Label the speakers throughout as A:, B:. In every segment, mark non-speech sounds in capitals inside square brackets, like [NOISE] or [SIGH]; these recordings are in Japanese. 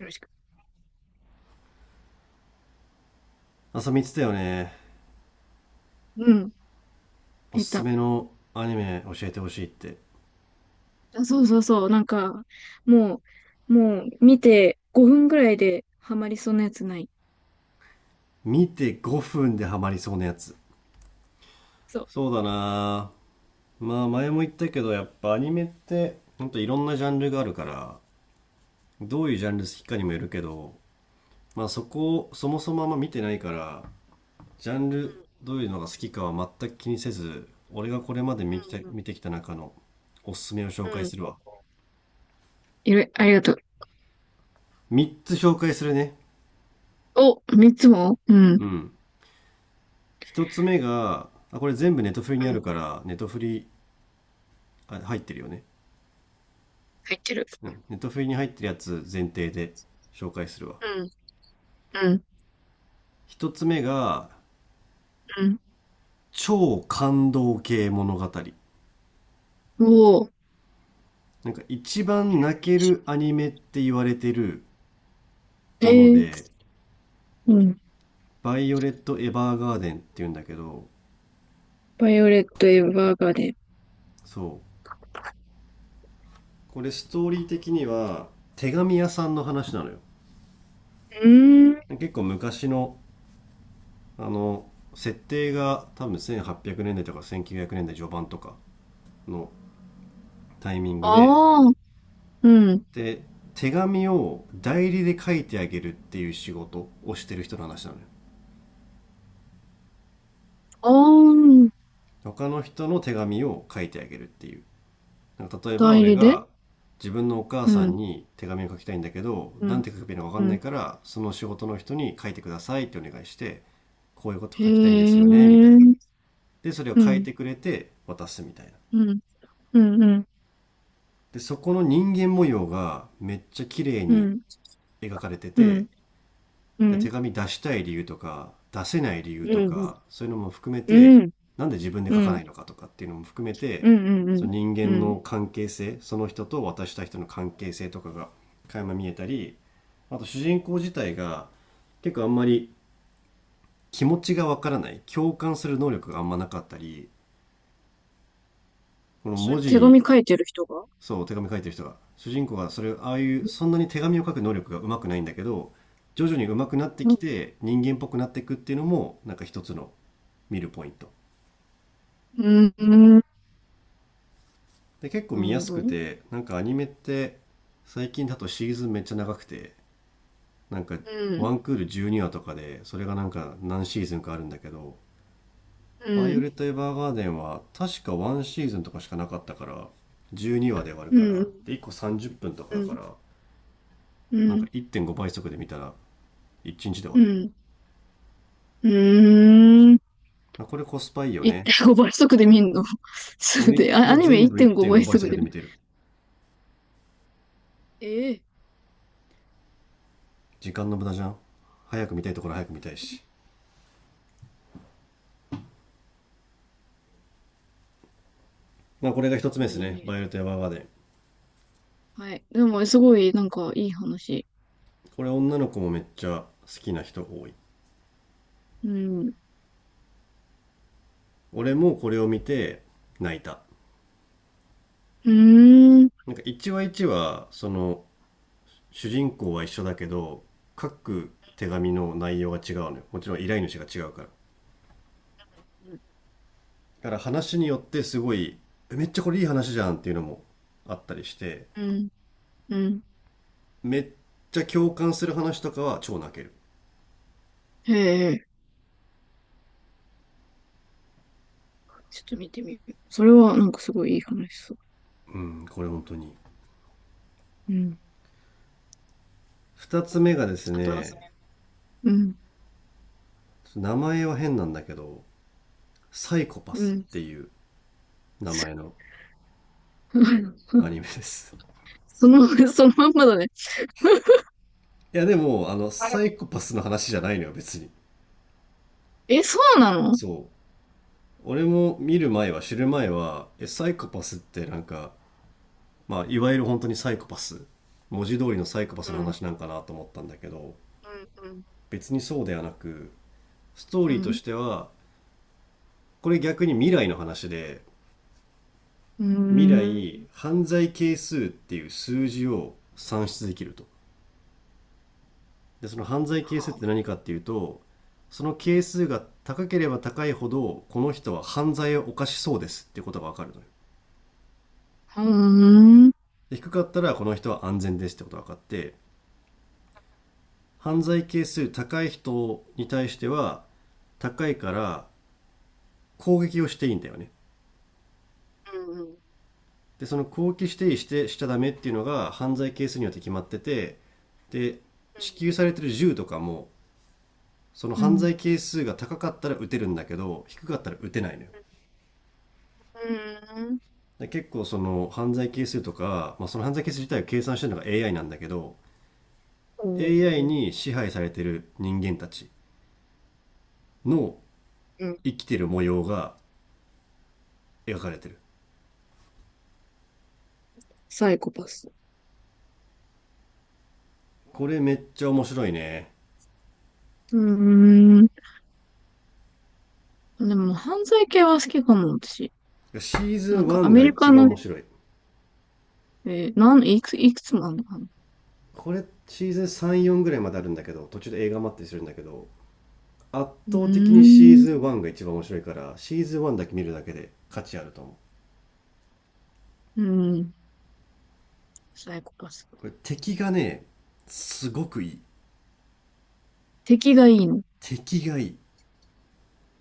A: よろしく。
B: 朝見つたよね。
A: うん、
B: おす
A: 見
B: す
A: た。
B: めのアニメ教えてほしいって。
A: あ、そうそうそう。なんか、もう、もう見て5分ぐらいでハマりそうなやつない。
B: 見て5分でハマりそうなやつ。
A: そう。
B: そうだなぁ、まあ前も言ったけどやっぱアニメってほんといろんなジャンルがあるから、どういうジャンル好きかにもよるけど、まあそこをそもそもあんま見てないから、ジャンルどういうのが好きかは全く気にせず、俺がこれまで見て
A: うん、
B: 見てきた中のおすすめを紹
A: うん、う
B: 介
A: ん。う
B: す
A: ん、
B: るわ。
A: いろいありがとう。
B: 3つ紹介するね。
A: お、3つも。うん、うん。
B: うん、一つ目がこれ全部ネトフリにあるから、ネトフリ、あ入ってるよね、
A: 入ってる。
B: うん、ネットフリに入ってるやつ前提で紹介するわ。
A: うん、うん、
B: 一つ目が
A: うん。
B: 超感動系物語、
A: おー。
B: なんか一番泣けるアニメって言われてる
A: え
B: もの
A: ー、
B: で
A: うん。
B: 「バイオレット・エヴァーガーデン」っていうんだけど、
A: バイオレット・エヴァーガーデン。
B: そう、これストーリー的には手紙屋さんの話なのよ。
A: うーん。
B: 結構昔のあの設定が、多分1800年代とか1900年代序盤とかのタイミングで、
A: ああ、うん。
B: で手紙を代理で書いてあげるっていう仕事をしてる人の話なのよ。
A: ああ、
B: 他の人の手紙を書いてあげるっていう、なんか例えば
A: 代
B: 俺
A: 理で。
B: が自分のお母
A: う
B: さん
A: ん、
B: に手紙を書きたいんだけど、
A: う
B: なん
A: ん、
B: て書けばいいのか分か
A: う
B: んない
A: ん。
B: から、その仕事の人に書いてくださいってお願いして、こういうこと
A: へ
B: 書きたいんです
A: え、う
B: よねみたいな、
A: ん、
B: でそれを
A: う
B: 書い
A: ん、
B: てくれて渡すみたいな。
A: うん、うん、
B: でそこの人間模様がめっちゃ綺麗
A: う
B: に
A: ん。
B: 描かれて
A: う
B: て、
A: ん、う
B: で手
A: ん、
B: 紙出したい理由とか出せない理由と
A: うん、
B: か、そういうのも含め
A: う
B: て、
A: ん、うん。
B: なんで自分で
A: う
B: 書かな
A: ん、
B: いのかとかっていうのも含め
A: う
B: て、
A: ん、う
B: そ
A: ん、
B: の人
A: う
B: 間
A: ん。
B: の関係性、その人と渡した人の関係性とかが垣間見えたり、あと主人公自体が結構あんまり気持ちがわからない、共感する能力があんまなかったり、この
A: それ
B: 文
A: 手
B: 字、
A: 紙書いてる人が？
B: そう手紙書いてる人が、主人公がそれああいう
A: う
B: そんなに手紙を書く能力がうまくないんだけど、徐々にうまくなってき
A: ん、
B: て人間っぽくなっていくっていうのもなんか一つの見るポイント。
A: うん、うん、なる
B: で結構見や
A: ほ
B: す
A: ど。
B: く
A: うん、
B: て、なんかアニメって最近だとシーズンめっちゃ長くて、なんかワンクール12話とかで、それがなんか何シーズンかあるんだけど
A: う
B: 「バイオ
A: ん、
B: レット・エヴァーガーデン」は確か1シーズンとかしかなかったから、12話で終わる
A: う
B: から、
A: ん、
B: で1個30分とか
A: う
B: だか
A: ん、
B: ら、
A: う
B: なんか
A: ん、
B: 1.5倍速で見たら1日で終わ
A: う
B: る。
A: ん、うん。
B: あ、これコスパいいよね。
A: 1.5倍速で見んの？ [LAUGHS] そう
B: 俺、
A: で、あ、アニメ
B: 全部
A: 1.5
B: 1.5
A: 倍
B: 倍
A: 速
B: 速
A: で見
B: で
A: る。
B: 見てる。
A: ええ、
B: 時間の無駄じゃん。早く見たいところ早く見たいし。まあこれが一つ目で
A: ア
B: す
A: ニ
B: ね。バ
A: メ。
B: イオレット・エヴァーガーデン。
A: はい。でも、すごい、なんか、いい話。
B: これ女の子もめっちゃ好きな人多い。
A: うん。う
B: 俺もこれを見て泣いた。
A: ーん。
B: なんか1話1話、その主人公は一緒だけど、各手紙の内容が違うのよ。もちろん依頼主が違うから。だから話によってすごい、えめっちゃこれいい話じゃんっていうのもあったりして、
A: うん。うん。
B: めっちゃ共感する話とかは超泣ける。
A: へえ。ちょっと見てみる。それはなんかすごいいい話そう。
B: うん、これ本当に。
A: うん。
B: 二つ目がです
A: あとは、
B: ね、
A: うん、
B: 名前は変なんだけど、サイコパ
A: う
B: ス
A: ん。
B: っていう名前のア
A: [LAUGHS]
B: ニメです。
A: その、そのまんまだね。
B: いやでも、サイ
A: [LAUGHS]
B: コパスの話じゃないのよ、別に。
A: え、そうなの？
B: そう。俺も見る前は、知る前は、え、サイコパスってなんか、まあ、いわゆる本当にサイコパス、文字通りのサイコパス
A: う
B: の
A: ん、
B: 話なんかなと思ったんだけど、
A: うん、
B: 別にそうではなく、ストー
A: う
B: リーとし
A: ん、
B: ては、これ逆に未来の話で、
A: うん。う
B: 未来
A: ーん。
B: 犯罪係数っていう数字を算出できると。でその犯罪係数っ
A: は
B: て何かっていうと、その係数が高ければ高いほどこの人は犯罪を犯しそうですっていうことが分かるのよ。
A: あ、うーん。うん、
B: で低かったらこの人は安全ですってことが分かって、犯罪係数高い人に対しては、高いから攻撃をしていいんだよね。でその攻撃していい、してしちゃダメっていうのが犯罪係数によって決まってて、で支給されてる銃とかも、その
A: うん、う
B: 犯
A: ん。
B: 罪係数が高かったら打てるんだけど、低かったら打てないのよ。
A: うん、
B: で結構その犯罪係数とか、まあ、その犯罪係数自体を計算してるのが AI なんだけど、
A: う
B: AI
A: ん、
B: に支配されてる人間たちの
A: うん、
B: 生きてる模様が描かれてる。
A: サイコパス。
B: これめっちゃ面白いね。
A: うーん。でも、犯罪系は好きかも、私。
B: シーズ
A: な
B: ン
A: んか、ア
B: 1
A: メ
B: が
A: リ
B: 一
A: カ
B: 番
A: の、
B: 面白い。
A: えー、なん、いくつ、いくつもあるのかな？
B: これシーズン34ぐらいまであるんだけど、途中で映画待ったりするんだけど、圧
A: う
B: 倒的にシー
A: ーん。
B: ズン1が一番面白いから、シーズン1だけ見るだけで価値あると思う。
A: うん。サイコパス。
B: これ敵がね、すごくいい。
A: 敵がいいの？
B: 敵がいい。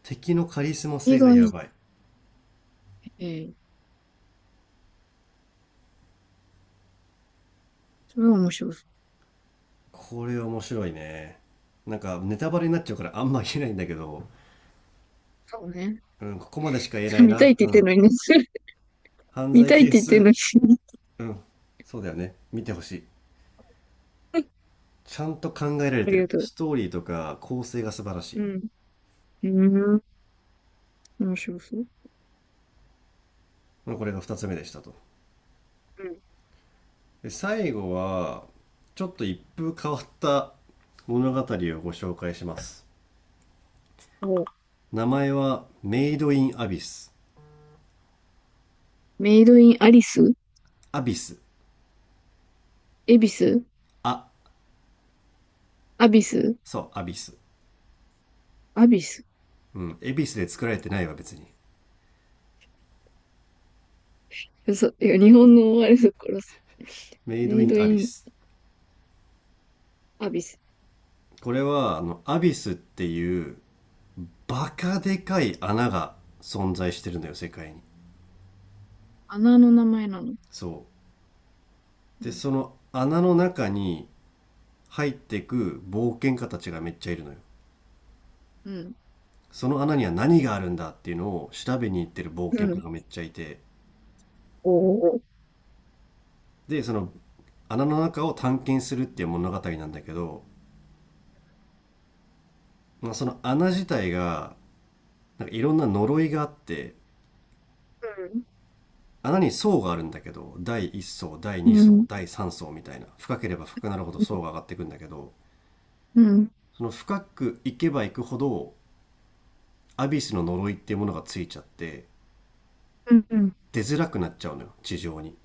B: 敵のカリスマ
A: 敵
B: 性が
A: がい
B: や
A: い。
B: ばい。
A: えー、それは面白そう。
B: これ面白いね。なんかネタバレになっちゃうからあんま言えないんだけど、
A: そうね。
B: うん、ここまでしか言えな
A: [LAUGHS]
B: い
A: 見たいっ
B: な。
A: て言
B: う
A: ってん
B: ん。
A: のにね。[LAUGHS]
B: 犯
A: 見
B: 罪
A: たいっ
B: 係
A: て言ってんの
B: 数、
A: に。
B: うん。そうだよね。見てほしい。
A: [LAUGHS]
B: ちゃんと考えられ
A: あ
B: て
A: りが
B: る。
A: とう。
B: ストーリーとか構成が素晴らし
A: う
B: い。
A: ん。うーん。面白そう。
B: まあ、これが二つ目でしたと。
A: うん。
B: で、最後は、ちょっと一風変わった物語をご紹介します。
A: お、
B: 名前はメイドインアビス。
A: メイドインアリス。
B: アビス、
A: エビス。
B: あ、
A: アビス。
B: そう、アビス。
A: アビス。
B: うん。エビスで作られてないわ、別に。
A: 嘘。いや、日本のあれだからさ。
B: メイド
A: メイ
B: イ
A: ド
B: ンア
A: イ
B: ビ
A: ン
B: ス。
A: アビス。
B: これは、アビスっていう、バカでかい穴が存在してるんだよ、世界に。
A: 穴の名前なの？
B: そう。
A: う
B: で、
A: ん。
B: その穴の中に入ってく冒険家たちがめっちゃいるのよ。
A: うん。
B: その穴には何があるんだっていうのを調べに行ってる冒
A: う
B: 険家
A: ん。
B: がめっちゃいて。
A: おお。
B: で、その穴の中を探検するっていう物語なんだけど、まあ、その穴自体がなんかいろんな呪いがあって、穴に層があるんだけど、第1層第
A: う
B: 2
A: ん。う
B: 層
A: ん。
B: 第3層みたいな、深ければ深くなるほど
A: うん。
B: 層が上がっていくんだけど、
A: うん。
B: その深く行けば行くほどアビスの呪いっていうものがついちゃって、
A: うん。うん、
B: 出づらくなっちゃうのよ地上に。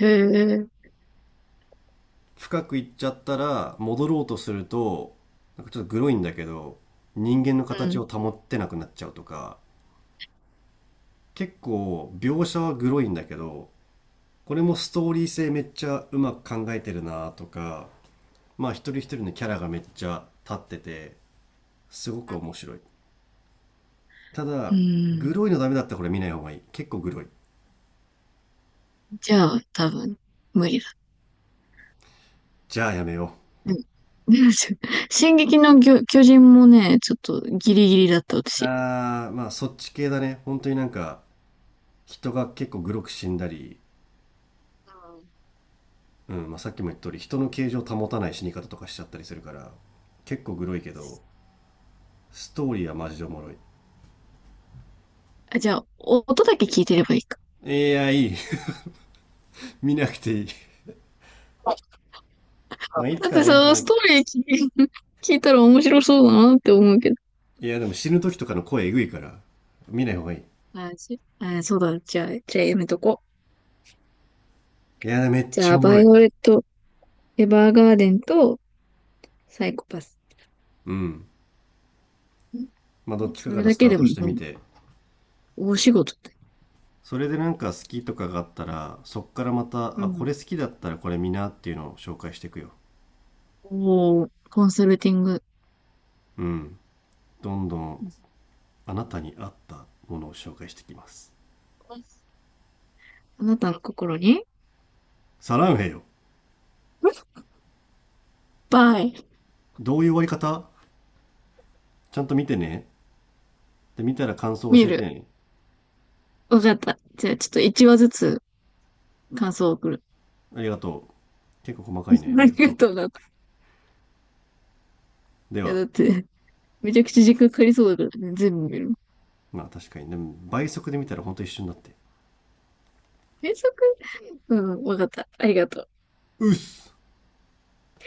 A: へえ。
B: 深く行っちゃったら戻ろうとすると、なんかちょっとグロいんだけど、人間の
A: う
B: 形を
A: ん。
B: 保ってなくなっちゃうとか、結構描写はグロいんだけど、これもストーリー性めっちゃうまく考えてるなとか、まあ一人一人のキャラがめっちゃ立ってて、すごく面白い。た
A: う
B: だ、グ
A: ん。
B: ロいのダメだったらこれ見ない方がいい。結構グロい。
A: じゃあ、多分、無理だ。
B: じゃあやめよ
A: うん。[LAUGHS] でも、進撃の巨人もね、ちょっとギリギリだった、
B: う。
A: 私。
B: あー、まあそっち系だね。本当になんか、人が結構グロく死んだり、
A: うん、
B: うん、まあさっきも言った通り、人の形状を保たない死に方とかしちゃったりするから、結構グロいけど、ストーリーはマジでおもろい。
A: あ、じゃあ、お音だけ聞いてればいいか。
B: いや、いい [LAUGHS]。見なくていい [LAUGHS]。まあいつ
A: だっ
B: か
A: て
B: ね、
A: さ、
B: なん
A: ス
B: か
A: トーリー聞い、聞いたら面白そうだなって思うけど。
B: いやでも死ぬ時とかの声えぐいから、見ない方がいい。い
A: あ、し、あ、そうだ。じゃあ、やめとこう。
B: や、めっ
A: じ
B: ち
A: ゃ
B: ゃ
A: あ、
B: おも
A: バ
B: ろ
A: イ
B: い。
A: オレット、エヴァーガーデンとサイコパス。
B: うん。まあどっ
A: ん、
B: ちか
A: そ
B: か
A: れ
B: ら
A: だ
B: スタ
A: け
B: ー
A: でも
B: トして
A: も
B: み
A: う、
B: て、
A: 大仕事だ。
B: それでなんか好きとかがあったら、そっからまた、
A: う
B: あ、こ
A: ん。
B: れ好きだったらこれ見なっていうのを紹介していくよ。
A: おー、コンサルティング。
B: うん。どんど
A: う
B: ん
A: ん、
B: あなたに合ったものを紹介していきます。
A: あなたの心に
B: サランヘよ。
A: ぱい。
B: どういう終わり方。ちゃんと見てね。で、見たら感想を
A: 見
B: 教えて
A: る。
B: ね。
A: わかった。じゃあ、ちょっと1話ずつ感想を送る。
B: ありがとう。結構細かいね。
A: [LAUGHS]
B: あ
A: あ
B: り
A: り
B: がと
A: が
B: う。
A: とうな。い
B: で
A: や、
B: は、
A: だって、めちゃくちゃ時間かかりそうだからね、全部見る。
B: まあ確かに、ね、倍速で見たらほんと一緒になって。
A: 原則、うん、わかった。ありがとう。
B: うっす